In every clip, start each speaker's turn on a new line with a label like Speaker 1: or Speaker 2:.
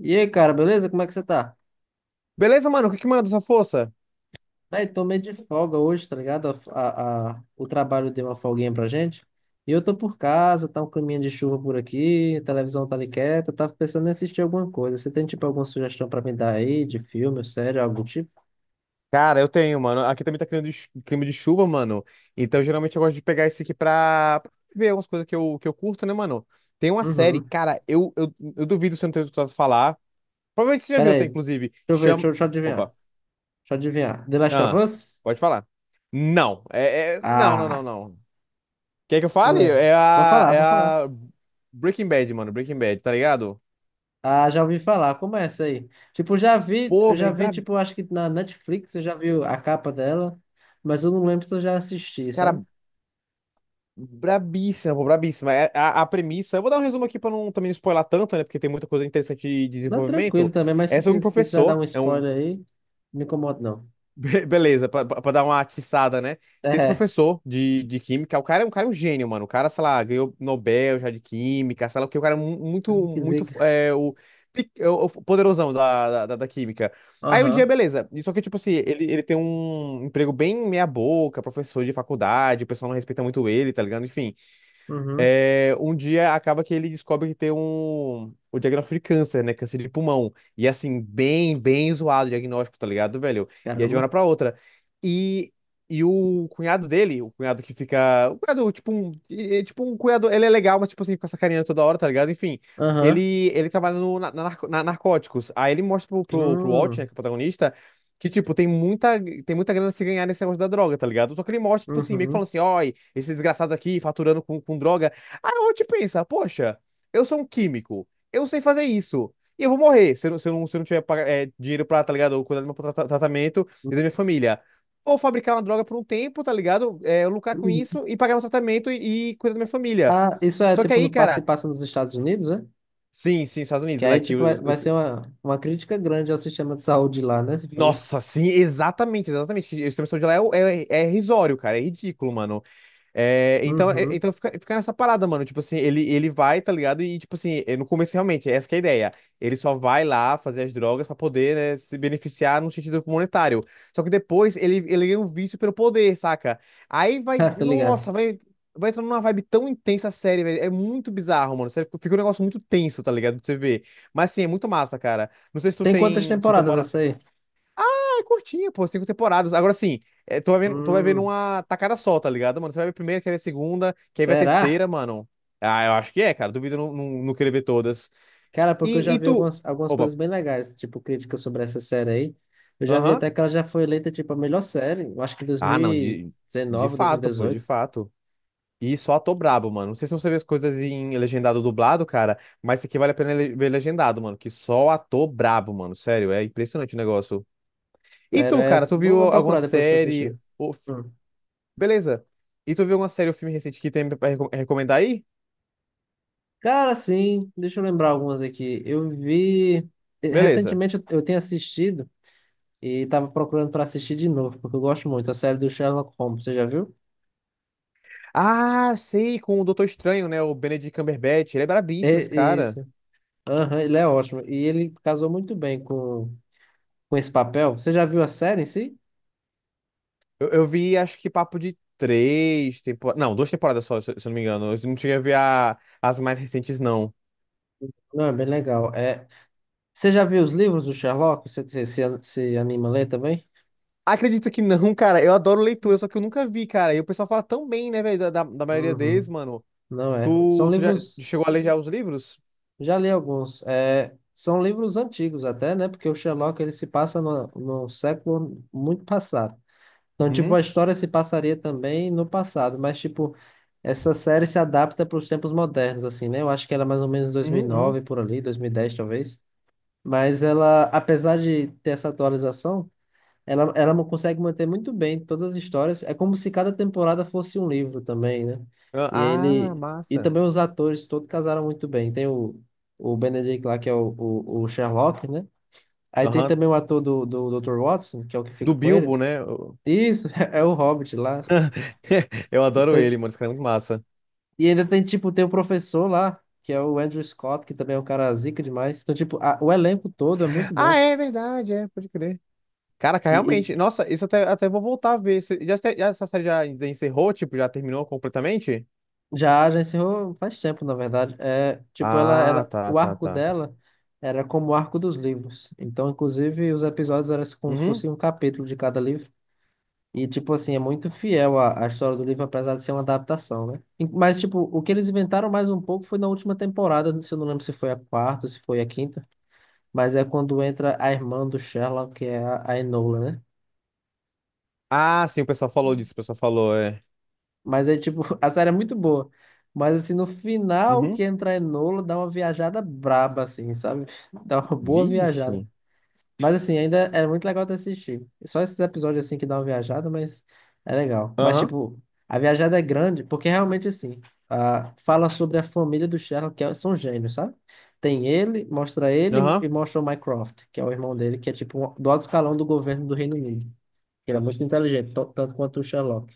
Speaker 1: E aí, cara, beleza? Como é que você tá?
Speaker 2: Beleza, mano? O que que manda essa força?
Speaker 1: Aí, tô meio de folga hoje, tá ligado? O trabalho deu uma folguinha pra gente. E eu tô por casa, tá um caminho de chuva por aqui, a televisão tá ali quieta, eu tava pensando em assistir alguma coisa. Você tem, tipo, alguma sugestão pra me dar aí, de filme, série, algo do tipo?
Speaker 2: Cara, eu tenho, mano. Aqui também tá criando clima de chuva, mano. Então, geralmente eu gosto de pegar esse aqui pra ver algumas coisas que eu curto, né, mano? Tem uma série,
Speaker 1: Uhum.
Speaker 2: cara, eu duvido se eu não tenho escutado falar. Provavelmente você já
Speaker 1: Pera
Speaker 2: viu,
Speaker 1: aí,
Speaker 2: até,
Speaker 1: deixa
Speaker 2: inclusive.
Speaker 1: eu ver, deixa
Speaker 2: Chama.
Speaker 1: eu, deixa eu adivinhar.
Speaker 2: Opa.
Speaker 1: Deixa eu adivinhar. The Last of
Speaker 2: Ah,
Speaker 1: Us?
Speaker 2: pode falar. Não. Não, não, não,
Speaker 1: Ah,
Speaker 2: não. Quer que eu
Speaker 1: qual
Speaker 2: fale?
Speaker 1: é?
Speaker 2: É
Speaker 1: Vou
Speaker 2: a,
Speaker 1: falar,
Speaker 2: é
Speaker 1: vou falar.
Speaker 2: a Breaking Bad, mano. Breaking Bad, tá ligado?
Speaker 1: Ah, já ouvi falar. Como é essa aí? Tipo,
Speaker 2: Pô,
Speaker 1: eu já
Speaker 2: velho,
Speaker 1: vi, tipo, acho que na Netflix eu já vi a capa dela, mas eu não lembro se eu já assisti, sabe?
Speaker 2: cara, brabíssima, pô, brabíssima. A premissa, eu vou dar um resumo aqui para não também não spoiler tanto, né? Porque tem muita coisa interessante de
Speaker 1: Mas tranquilo
Speaker 2: desenvolvimento.
Speaker 1: também, mas
Speaker 2: É sobre um
Speaker 1: se quiser dar
Speaker 2: professor,
Speaker 1: um
Speaker 2: é um.
Speaker 1: spoiler aí, não me incomoda não.
Speaker 2: Beleza, para dar uma atiçada, né? Tem esse
Speaker 1: É,
Speaker 2: professor de química, o cara, é um gênio, mano. O cara, sei lá, ganhou Nobel já de química, sei lá o que, o cara é muito,
Speaker 1: que
Speaker 2: muito,
Speaker 1: zica.
Speaker 2: é o poderosão da química. Aí um dia,
Speaker 1: Aham,
Speaker 2: beleza. Só que, tipo assim, ele tem um emprego bem meia boca, professor de faculdade, o pessoal não respeita muito ele, tá ligado? Enfim,
Speaker 1: uhum,
Speaker 2: um dia acaba que ele descobre que tem o diagnóstico de câncer, né? Câncer de pulmão. E assim, bem, bem zoado o diagnóstico, tá ligado, velho? E é de uma
Speaker 1: caramba.
Speaker 2: hora pra outra. E, e o cunhado dele, o cunhado que fica. O cunhado, tipo um. É tipo um cunhado. Ele é legal, mas tipo assim, fica sacaneando toda hora, tá ligado? Enfim.
Speaker 1: Aham,
Speaker 2: Ele trabalha no, na, na narco- na narcóticos. Aí ele mostra pro Walt, né, que
Speaker 1: hum,
Speaker 2: é o protagonista, que, tipo, tem muita grana a se ganhar nesse negócio da droga, tá ligado? Só que ele mostra, tipo assim, meio que
Speaker 1: uhum,
Speaker 2: falando assim, ó, esse desgraçado aqui faturando com droga. Aí a gente pensa, poxa, eu sou um químico, eu sei fazer isso, e eu vou morrer se eu não tiver dinheiro pra, tá ligado, cuidar do meu tratamento e da minha família. Vou fabricar uma droga por um tempo, tá ligado? Eu lucrar com
Speaker 1: uhum.
Speaker 2: isso e pagar meu tratamento e cuidar da minha família.
Speaker 1: Ah, isso é
Speaker 2: Só que
Speaker 1: tipo
Speaker 2: aí,
Speaker 1: no passe
Speaker 2: cara,
Speaker 1: passa nos Estados Unidos, né?
Speaker 2: sim, sim, Estados
Speaker 1: Que
Speaker 2: Unidos, né?
Speaker 1: aí, tipo, vai, vai ser uma crítica grande ao sistema de saúde lá, né? Se for isso.
Speaker 2: Nossa, sim, exatamente, exatamente. Que O sistema de saúde lá é, é irrisório, cara, é ridículo, mano. É, então,
Speaker 1: Uhum,
Speaker 2: então fica nessa parada, mano. Tipo assim, ele vai, tá ligado? E, tipo assim, no começo, realmente, é essa que é a ideia. Ele só vai lá fazer as drogas pra poder, né, se beneficiar no sentido monetário. Só que depois ele ganha um vício pelo poder, saca? Aí vai.
Speaker 1: ah, tô ligado.
Speaker 2: Nossa, vai entrando numa vibe tão intensa a série, velho. É muito bizarro, mano. Sério, fica um negócio muito tenso, tá ligado? Pra você ver. Mas, assim, é muito massa, cara. Não sei se tu
Speaker 1: Tem quantas
Speaker 2: tem. Se tu
Speaker 1: temporadas
Speaker 2: mora,
Speaker 1: essa aí?
Speaker 2: é curtinha, pô, cinco temporadas. Agora sim, tu vai vendo
Speaker 1: Hum,
Speaker 2: uma tacada só, tá ligado, mano? Você vai ver a primeira, quer ver a segunda, quer ver a
Speaker 1: será?
Speaker 2: terceira, mano. Ah, eu acho que é, cara. Duvido não querer ver todas.
Speaker 1: Cara, porque eu
Speaker 2: E,
Speaker 1: já
Speaker 2: e
Speaker 1: vi
Speaker 2: tu.
Speaker 1: algumas
Speaker 2: Opa,
Speaker 1: coisas bem legais, tipo, críticas sobre essa série aí. Eu já vi
Speaker 2: aham.
Speaker 1: até que ela já foi eleita, tipo, a melhor série, eu acho que em
Speaker 2: Ah, não, de
Speaker 1: 2019,
Speaker 2: fato, pô, de
Speaker 1: 2018.
Speaker 2: fato. E só ator brabo, mano. Não sei se você vê as coisas em legendado ou dublado, cara, mas isso aqui vale a pena ver legendado, mano. Que só ator brabo, mano. Sério, é impressionante o negócio. E
Speaker 1: Sério,
Speaker 2: tu,
Speaker 1: é,
Speaker 2: cara, tu
Speaker 1: Vou,
Speaker 2: viu
Speaker 1: vou
Speaker 2: alguma
Speaker 1: procurar depois pra assistir.
Speaker 2: série?
Speaker 1: Hum.
Speaker 2: Beleza. E tu viu uma série ou filme recente que tem pra recomendar aí?
Speaker 1: Cara, sim, deixa eu lembrar algumas aqui. Eu vi...
Speaker 2: Beleza.
Speaker 1: Recentemente eu tenho assistido e tava procurando pra assistir de novo, porque eu gosto muito. A série do Sherlock Holmes, você já viu?
Speaker 2: Ah, sei, com o Doutor Estranho, né? O Benedict Cumberbatch. Ele é brabíssimo, esse
Speaker 1: É,
Speaker 2: cara.
Speaker 1: isso. Aham, ele é ótimo. E ele casou muito bem com esse papel. Você já viu a série em si?
Speaker 2: Eu vi, acho que papo de três temporadas. Não, duas temporadas só, se eu não me engano. Eu não cheguei a ver as mais recentes, não.
Speaker 1: Não, é bem legal. É, você já viu os livros do Sherlock? Se anima a ler também?
Speaker 2: Acredita que não, cara. Eu adoro leitura, só que eu nunca vi, cara. E o pessoal fala tão bem, né, velho, da maioria deles,
Speaker 1: Uhum.
Speaker 2: mano.
Speaker 1: Não é. São
Speaker 2: Tu já
Speaker 1: livros.
Speaker 2: chegou a ler já os livros?
Speaker 1: Já li alguns. É, são livros antigos até, né? Porque o Sherlock ele se passa no século muito passado. Então, tipo, a
Speaker 2: Uhum,
Speaker 1: história se passaria também no passado, mas, tipo, essa série se adapta para os tempos modernos, assim, né? Eu acho que era mais ou menos
Speaker 2: uhum, uhum.
Speaker 1: 2009, por ali, 2010 talvez. Mas ela, apesar de ter essa atualização, consegue manter muito bem todas as histórias. É como se cada temporada fosse um livro também, né? E
Speaker 2: Ah,
Speaker 1: ele e
Speaker 2: massa.
Speaker 1: também os atores todos casaram muito bem. Tem o Benedict lá que é o Sherlock, né? Aí tem
Speaker 2: Aham.
Speaker 1: também o ator do Dr. Watson, que é o que
Speaker 2: Do
Speaker 1: fica com ele.
Speaker 2: Bilbo, né?
Speaker 1: Isso, é o Hobbit lá.
Speaker 2: Eu adoro
Speaker 1: Então,
Speaker 2: ele, mano. Esse cara é muito massa.
Speaker 1: e ainda tem tipo tem o professor lá, que é o Andrew Scott, que também é um cara zica demais. Então tipo, o elenco todo é muito
Speaker 2: Ah,
Speaker 1: bom.
Speaker 2: é verdade, é, pode crer. Caraca,
Speaker 1: E,
Speaker 2: realmente. Nossa, isso até, até vou voltar a ver. Essa série já encerrou, tipo, já terminou completamente?
Speaker 1: já encerrou faz tempo, na verdade. É, tipo,
Speaker 2: Ah, tá,
Speaker 1: o
Speaker 2: tá,
Speaker 1: arco
Speaker 2: tá.
Speaker 1: dela era como o arco dos livros. Então, inclusive, os episódios eram como se
Speaker 2: Uhum.
Speaker 1: fosse um capítulo de cada livro. E, tipo assim, é muito fiel à história do livro, apesar de ser uma adaptação, né? Mas, tipo, o que eles inventaram mais um pouco foi na última temporada, se eu não lembro se foi a quarta ou se foi a quinta, mas é quando entra a irmã do Sherlock, que é a Enola, né?
Speaker 2: Ah, sim, o pessoal falou disso, o pessoal falou, é.
Speaker 1: Mas é tipo, a série é muito boa. Mas assim, no final que
Speaker 2: Uhum.
Speaker 1: entra Enola, dá uma viajada braba, assim, sabe? Dá uma boa viajada.
Speaker 2: Vixe.
Speaker 1: Mas assim, ainda é muito legal de assistir. Só esses episódios assim que dá uma viajada, mas é legal. Mas
Speaker 2: Aham,
Speaker 1: tipo, a viajada é grande, porque realmente assim, ah, fala sobre a família do Sherlock, são gênios, sabe? Tem ele, mostra ele
Speaker 2: aham.
Speaker 1: e mostra o Mycroft, que é o irmão dele, que é tipo do alto escalão do governo do Reino Unido. Ele é muito inteligente, tanto quanto o Sherlock.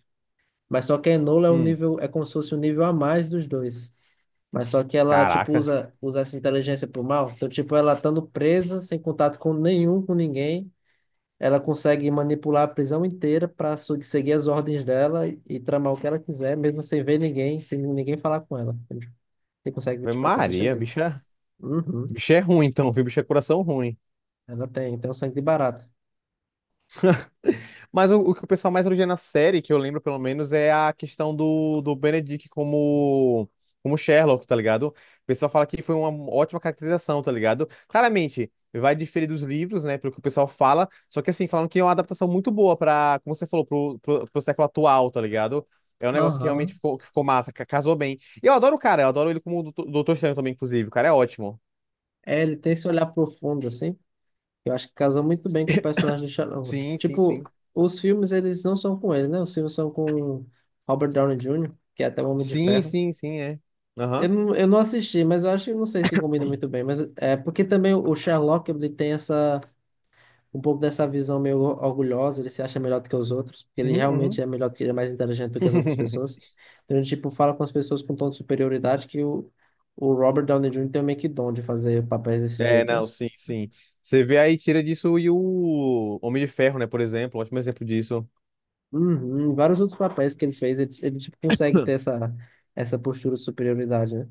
Speaker 1: Mas só que a Enola é um
Speaker 2: Hum.
Speaker 1: nível, é como se fosse um nível a mais dos dois. Mas só que ela, tipo,
Speaker 2: Caraca.
Speaker 1: usa essa inteligência pro mal. Então, tipo, ela estando presa, sem contato com nenhum, com ninguém, ela consegue manipular a prisão inteira para seguir as ordens dela e, tramar o que ela quiser, mesmo sem ver ninguém, sem ninguém falar com ela. Entende? Você consegue ver,
Speaker 2: Ave
Speaker 1: tipo, essa bicha
Speaker 2: Maria,
Speaker 1: zica.
Speaker 2: bicha.
Speaker 1: Uhum.
Speaker 2: Bicho é ruim, então, viu? Bicho é coração ruim.
Speaker 1: Ela tem um sangue de barata.
Speaker 2: Mas o que o pessoal mais elogia na série, que eu lembro pelo menos, é a questão do Benedict como, Sherlock, tá ligado? O pessoal fala que foi uma ótima caracterização, tá ligado? Claramente, vai diferir dos livros, né, pelo que o pessoal fala, só que assim, falando que é uma adaptação muito boa pra, como você falou, pro século atual, tá ligado? É um negócio que realmente
Speaker 1: Aham.
Speaker 2: ficou, que ficou massa, casou bem. E eu adoro o cara, eu adoro ele como Doutor Estranho também, inclusive. O cara é ótimo.
Speaker 1: É, ele tem esse olhar profundo, assim. Eu acho que casou muito bem com o personagem do Sherlock.
Speaker 2: Sim, sim,
Speaker 1: Tipo,
Speaker 2: sim.
Speaker 1: os filmes, eles não são com ele, né? Os filmes são com Robert Downey Jr., que é até o Homem de
Speaker 2: Sim,
Speaker 1: Ferro.
Speaker 2: sim, sim, é.
Speaker 1: Eu
Speaker 2: Aham.
Speaker 1: não, eu não assisti, mas eu acho que não sei se combina muito bem. Mas é porque também o Sherlock, ele tem um pouco dessa visão meio orgulhosa, ele se acha melhor do que os outros, porque ele
Speaker 2: Uhum,
Speaker 1: realmente
Speaker 2: uhum.
Speaker 1: é melhor, do que ele é mais inteligente do que as outras pessoas. Então ele, tipo, fala com as pessoas com um tom de superioridade que o Robert Downey Jr. tem meio que dom de fazer papéis desse
Speaker 2: É,
Speaker 1: jeito, né?
Speaker 2: não, sim, sim. Você vê aí, tira disso e o Homem de Ferro, né, por exemplo, ótimo exemplo disso.
Speaker 1: Uhum, vários outros papéis que ele fez, ele tipo, consegue ter essa postura de superioridade, né?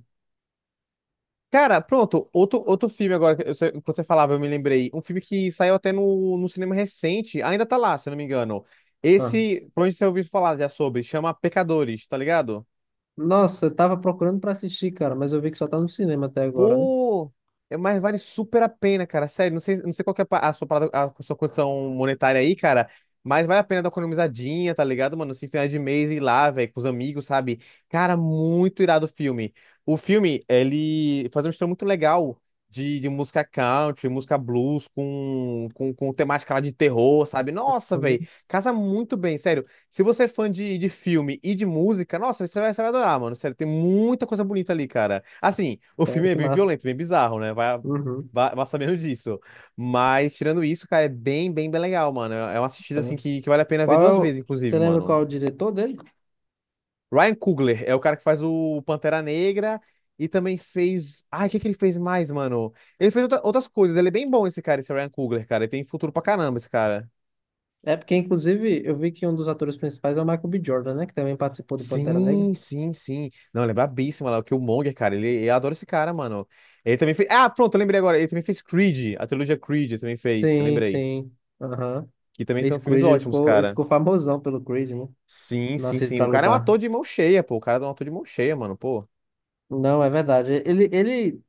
Speaker 2: Cara, pronto, outro filme agora, que quando você falava, eu me lembrei. Um filme que saiu até no cinema recente, ainda tá lá, se eu não me engano.
Speaker 1: Ah.
Speaker 2: Esse, provavelmente você ouviu falar já sobre, chama Pecadores, tá ligado?
Speaker 1: Nossa, eu tava procurando pra assistir, cara, mas eu vi que só tá no cinema até agora, né?
Speaker 2: Pô, mas vale super a pena, cara. Sério, não sei, não sei qual que é a pa- a sua, parada- a sua condição monetária aí, cara. Mas vale a pena dar uma economizadinha, tá ligado, mano? Se final de mês ir lá, velho, com os amigos, sabe? Cara, muito irado o filme. O filme, ele faz um mistura muito legal de música country, música blues com temática lá de terror, sabe? Nossa, velho,
Speaker 1: Uhum.
Speaker 2: casa muito bem, sério. Se você é fã de filme e de música, nossa, você vai adorar, mano. Sério, tem muita coisa bonita ali, cara. Assim, o filme
Speaker 1: Sério,
Speaker 2: é
Speaker 1: que
Speaker 2: bem
Speaker 1: massa.
Speaker 2: violento, bem bizarro, né? Vai,
Speaker 1: Uhum,
Speaker 2: vai, vai sabendo disso. Mas, tirando isso, cara, é bem, bem, bem legal, mano. É uma assistida, assim,
Speaker 1: sério.
Speaker 2: que vale a pena ver
Speaker 1: Qual é
Speaker 2: duas
Speaker 1: o...
Speaker 2: vezes,
Speaker 1: Você
Speaker 2: inclusive,
Speaker 1: lembra qual
Speaker 2: mano.
Speaker 1: é o diretor dele?
Speaker 2: Ryan Coogler é o cara que faz o Pantera Negra e também fez. Ai, o que que ele fez mais, mano? Ele fez outras coisas. Ele é bem bom, esse cara, esse Ryan Coogler, cara. Ele tem futuro pra caramba, esse cara.
Speaker 1: É porque, inclusive, eu vi que um dos atores principais é o Michael B. Jordan, né? Que também participou do Pantera Negra.
Speaker 2: Sim, sim, sim. Não, lembra brabíssimo lá, que o Killmonger, cara, ele, eu adoro esse cara, mano. Ele também fez. Ah, pronto, eu lembrei agora. Ele também fez Creed, a trilogia Creed ele também fez,
Speaker 1: Sim,
Speaker 2: lembrei.
Speaker 1: sim. Aham.
Speaker 2: Que também
Speaker 1: Fez
Speaker 2: são filmes
Speaker 1: Creed, ele
Speaker 2: ótimos,
Speaker 1: ficou, ele
Speaker 2: cara.
Speaker 1: ficou famosão pelo Creed, né?
Speaker 2: Sim, sim,
Speaker 1: Nascido
Speaker 2: sim.
Speaker 1: pra
Speaker 2: O cara é um
Speaker 1: lutar.
Speaker 2: ator de mão cheia, pô. O cara é um ator de mão cheia, mano, pô.
Speaker 1: Não, é verdade. Ele, ele,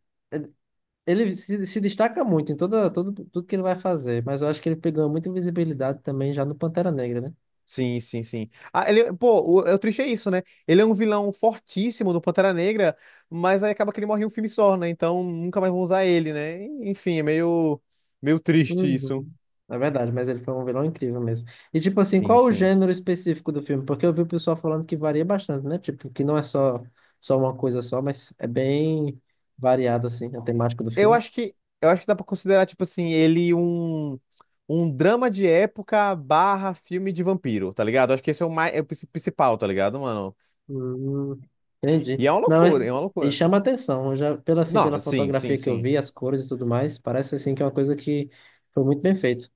Speaker 1: ele se destaca muito em toda, todo, tudo que ele vai fazer, mas eu acho que ele pegou muita visibilidade também já no Pantera Negra, né?
Speaker 2: Sim, sim, sim. Ah, ele, pô, o triste é isso, né? Ele é um vilão fortíssimo do Pantera Negra, mas aí acaba que ele morre em um filme só, né? Então nunca mais vão usar ele, né? Enfim, é meio, meio triste isso.
Speaker 1: Uhum. É verdade, mas ele foi um vilão incrível mesmo. E tipo assim,
Speaker 2: Sim,
Speaker 1: qual o
Speaker 2: sim.
Speaker 1: gênero específico do filme? Porque eu vi o pessoal falando que varia bastante, né? Tipo, que não é só, uma coisa só, mas é bem variado assim, a temática do
Speaker 2: Eu
Speaker 1: filme.
Speaker 2: acho que eu acho que dá pra considerar, tipo assim, ele um drama de época barra filme de vampiro, tá ligado? Acho que esse é o mais, é o principal, tá ligado, mano?
Speaker 1: Hum, entendi.
Speaker 2: E é uma
Speaker 1: Não,
Speaker 2: loucura, é uma
Speaker 1: e
Speaker 2: loucura.
Speaker 1: chama atenção, eu já pela
Speaker 2: Não, sim, sim,
Speaker 1: fotografia que eu
Speaker 2: sim.
Speaker 1: vi, as cores e tudo mais, parece assim que é uma coisa que foi muito bem feito.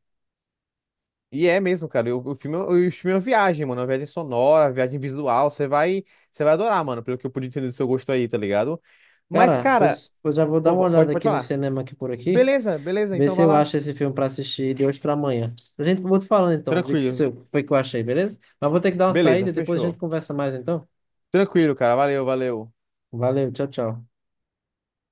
Speaker 2: E é mesmo, cara. O filme é uma viagem, mano. Uma viagem sonora, uma viagem visual. Você vai adorar, mano, pelo que eu pude entender do seu gosto aí, tá ligado? Mas,
Speaker 1: Cara,
Speaker 2: cara,
Speaker 1: pois eu já vou dar uma
Speaker 2: opa,
Speaker 1: olhada
Speaker 2: pode
Speaker 1: aqui no
Speaker 2: falar.
Speaker 1: cinema aqui por aqui.
Speaker 2: Beleza, beleza,
Speaker 1: Vê
Speaker 2: então
Speaker 1: se
Speaker 2: vai
Speaker 1: eu
Speaker 2: lá.
Speaker 1: acho esse filme pra assistir de hoje pra amanhã. A gente vou te falando então de que se
Speaker 2: Tranquilo.
Speaker 1: eu- foi que eu achei, beleza? Mas vou ter que dar uma
Speaker 2: Beleza,
Speaker 1: saída, depois a gente
Speaker 2: fechou.
Speaker 1: conversa mais então.
Speaker 2: Tranquilo, cara. Valeu, valeu.
Speaker 1: Valeu, tchau, tchau.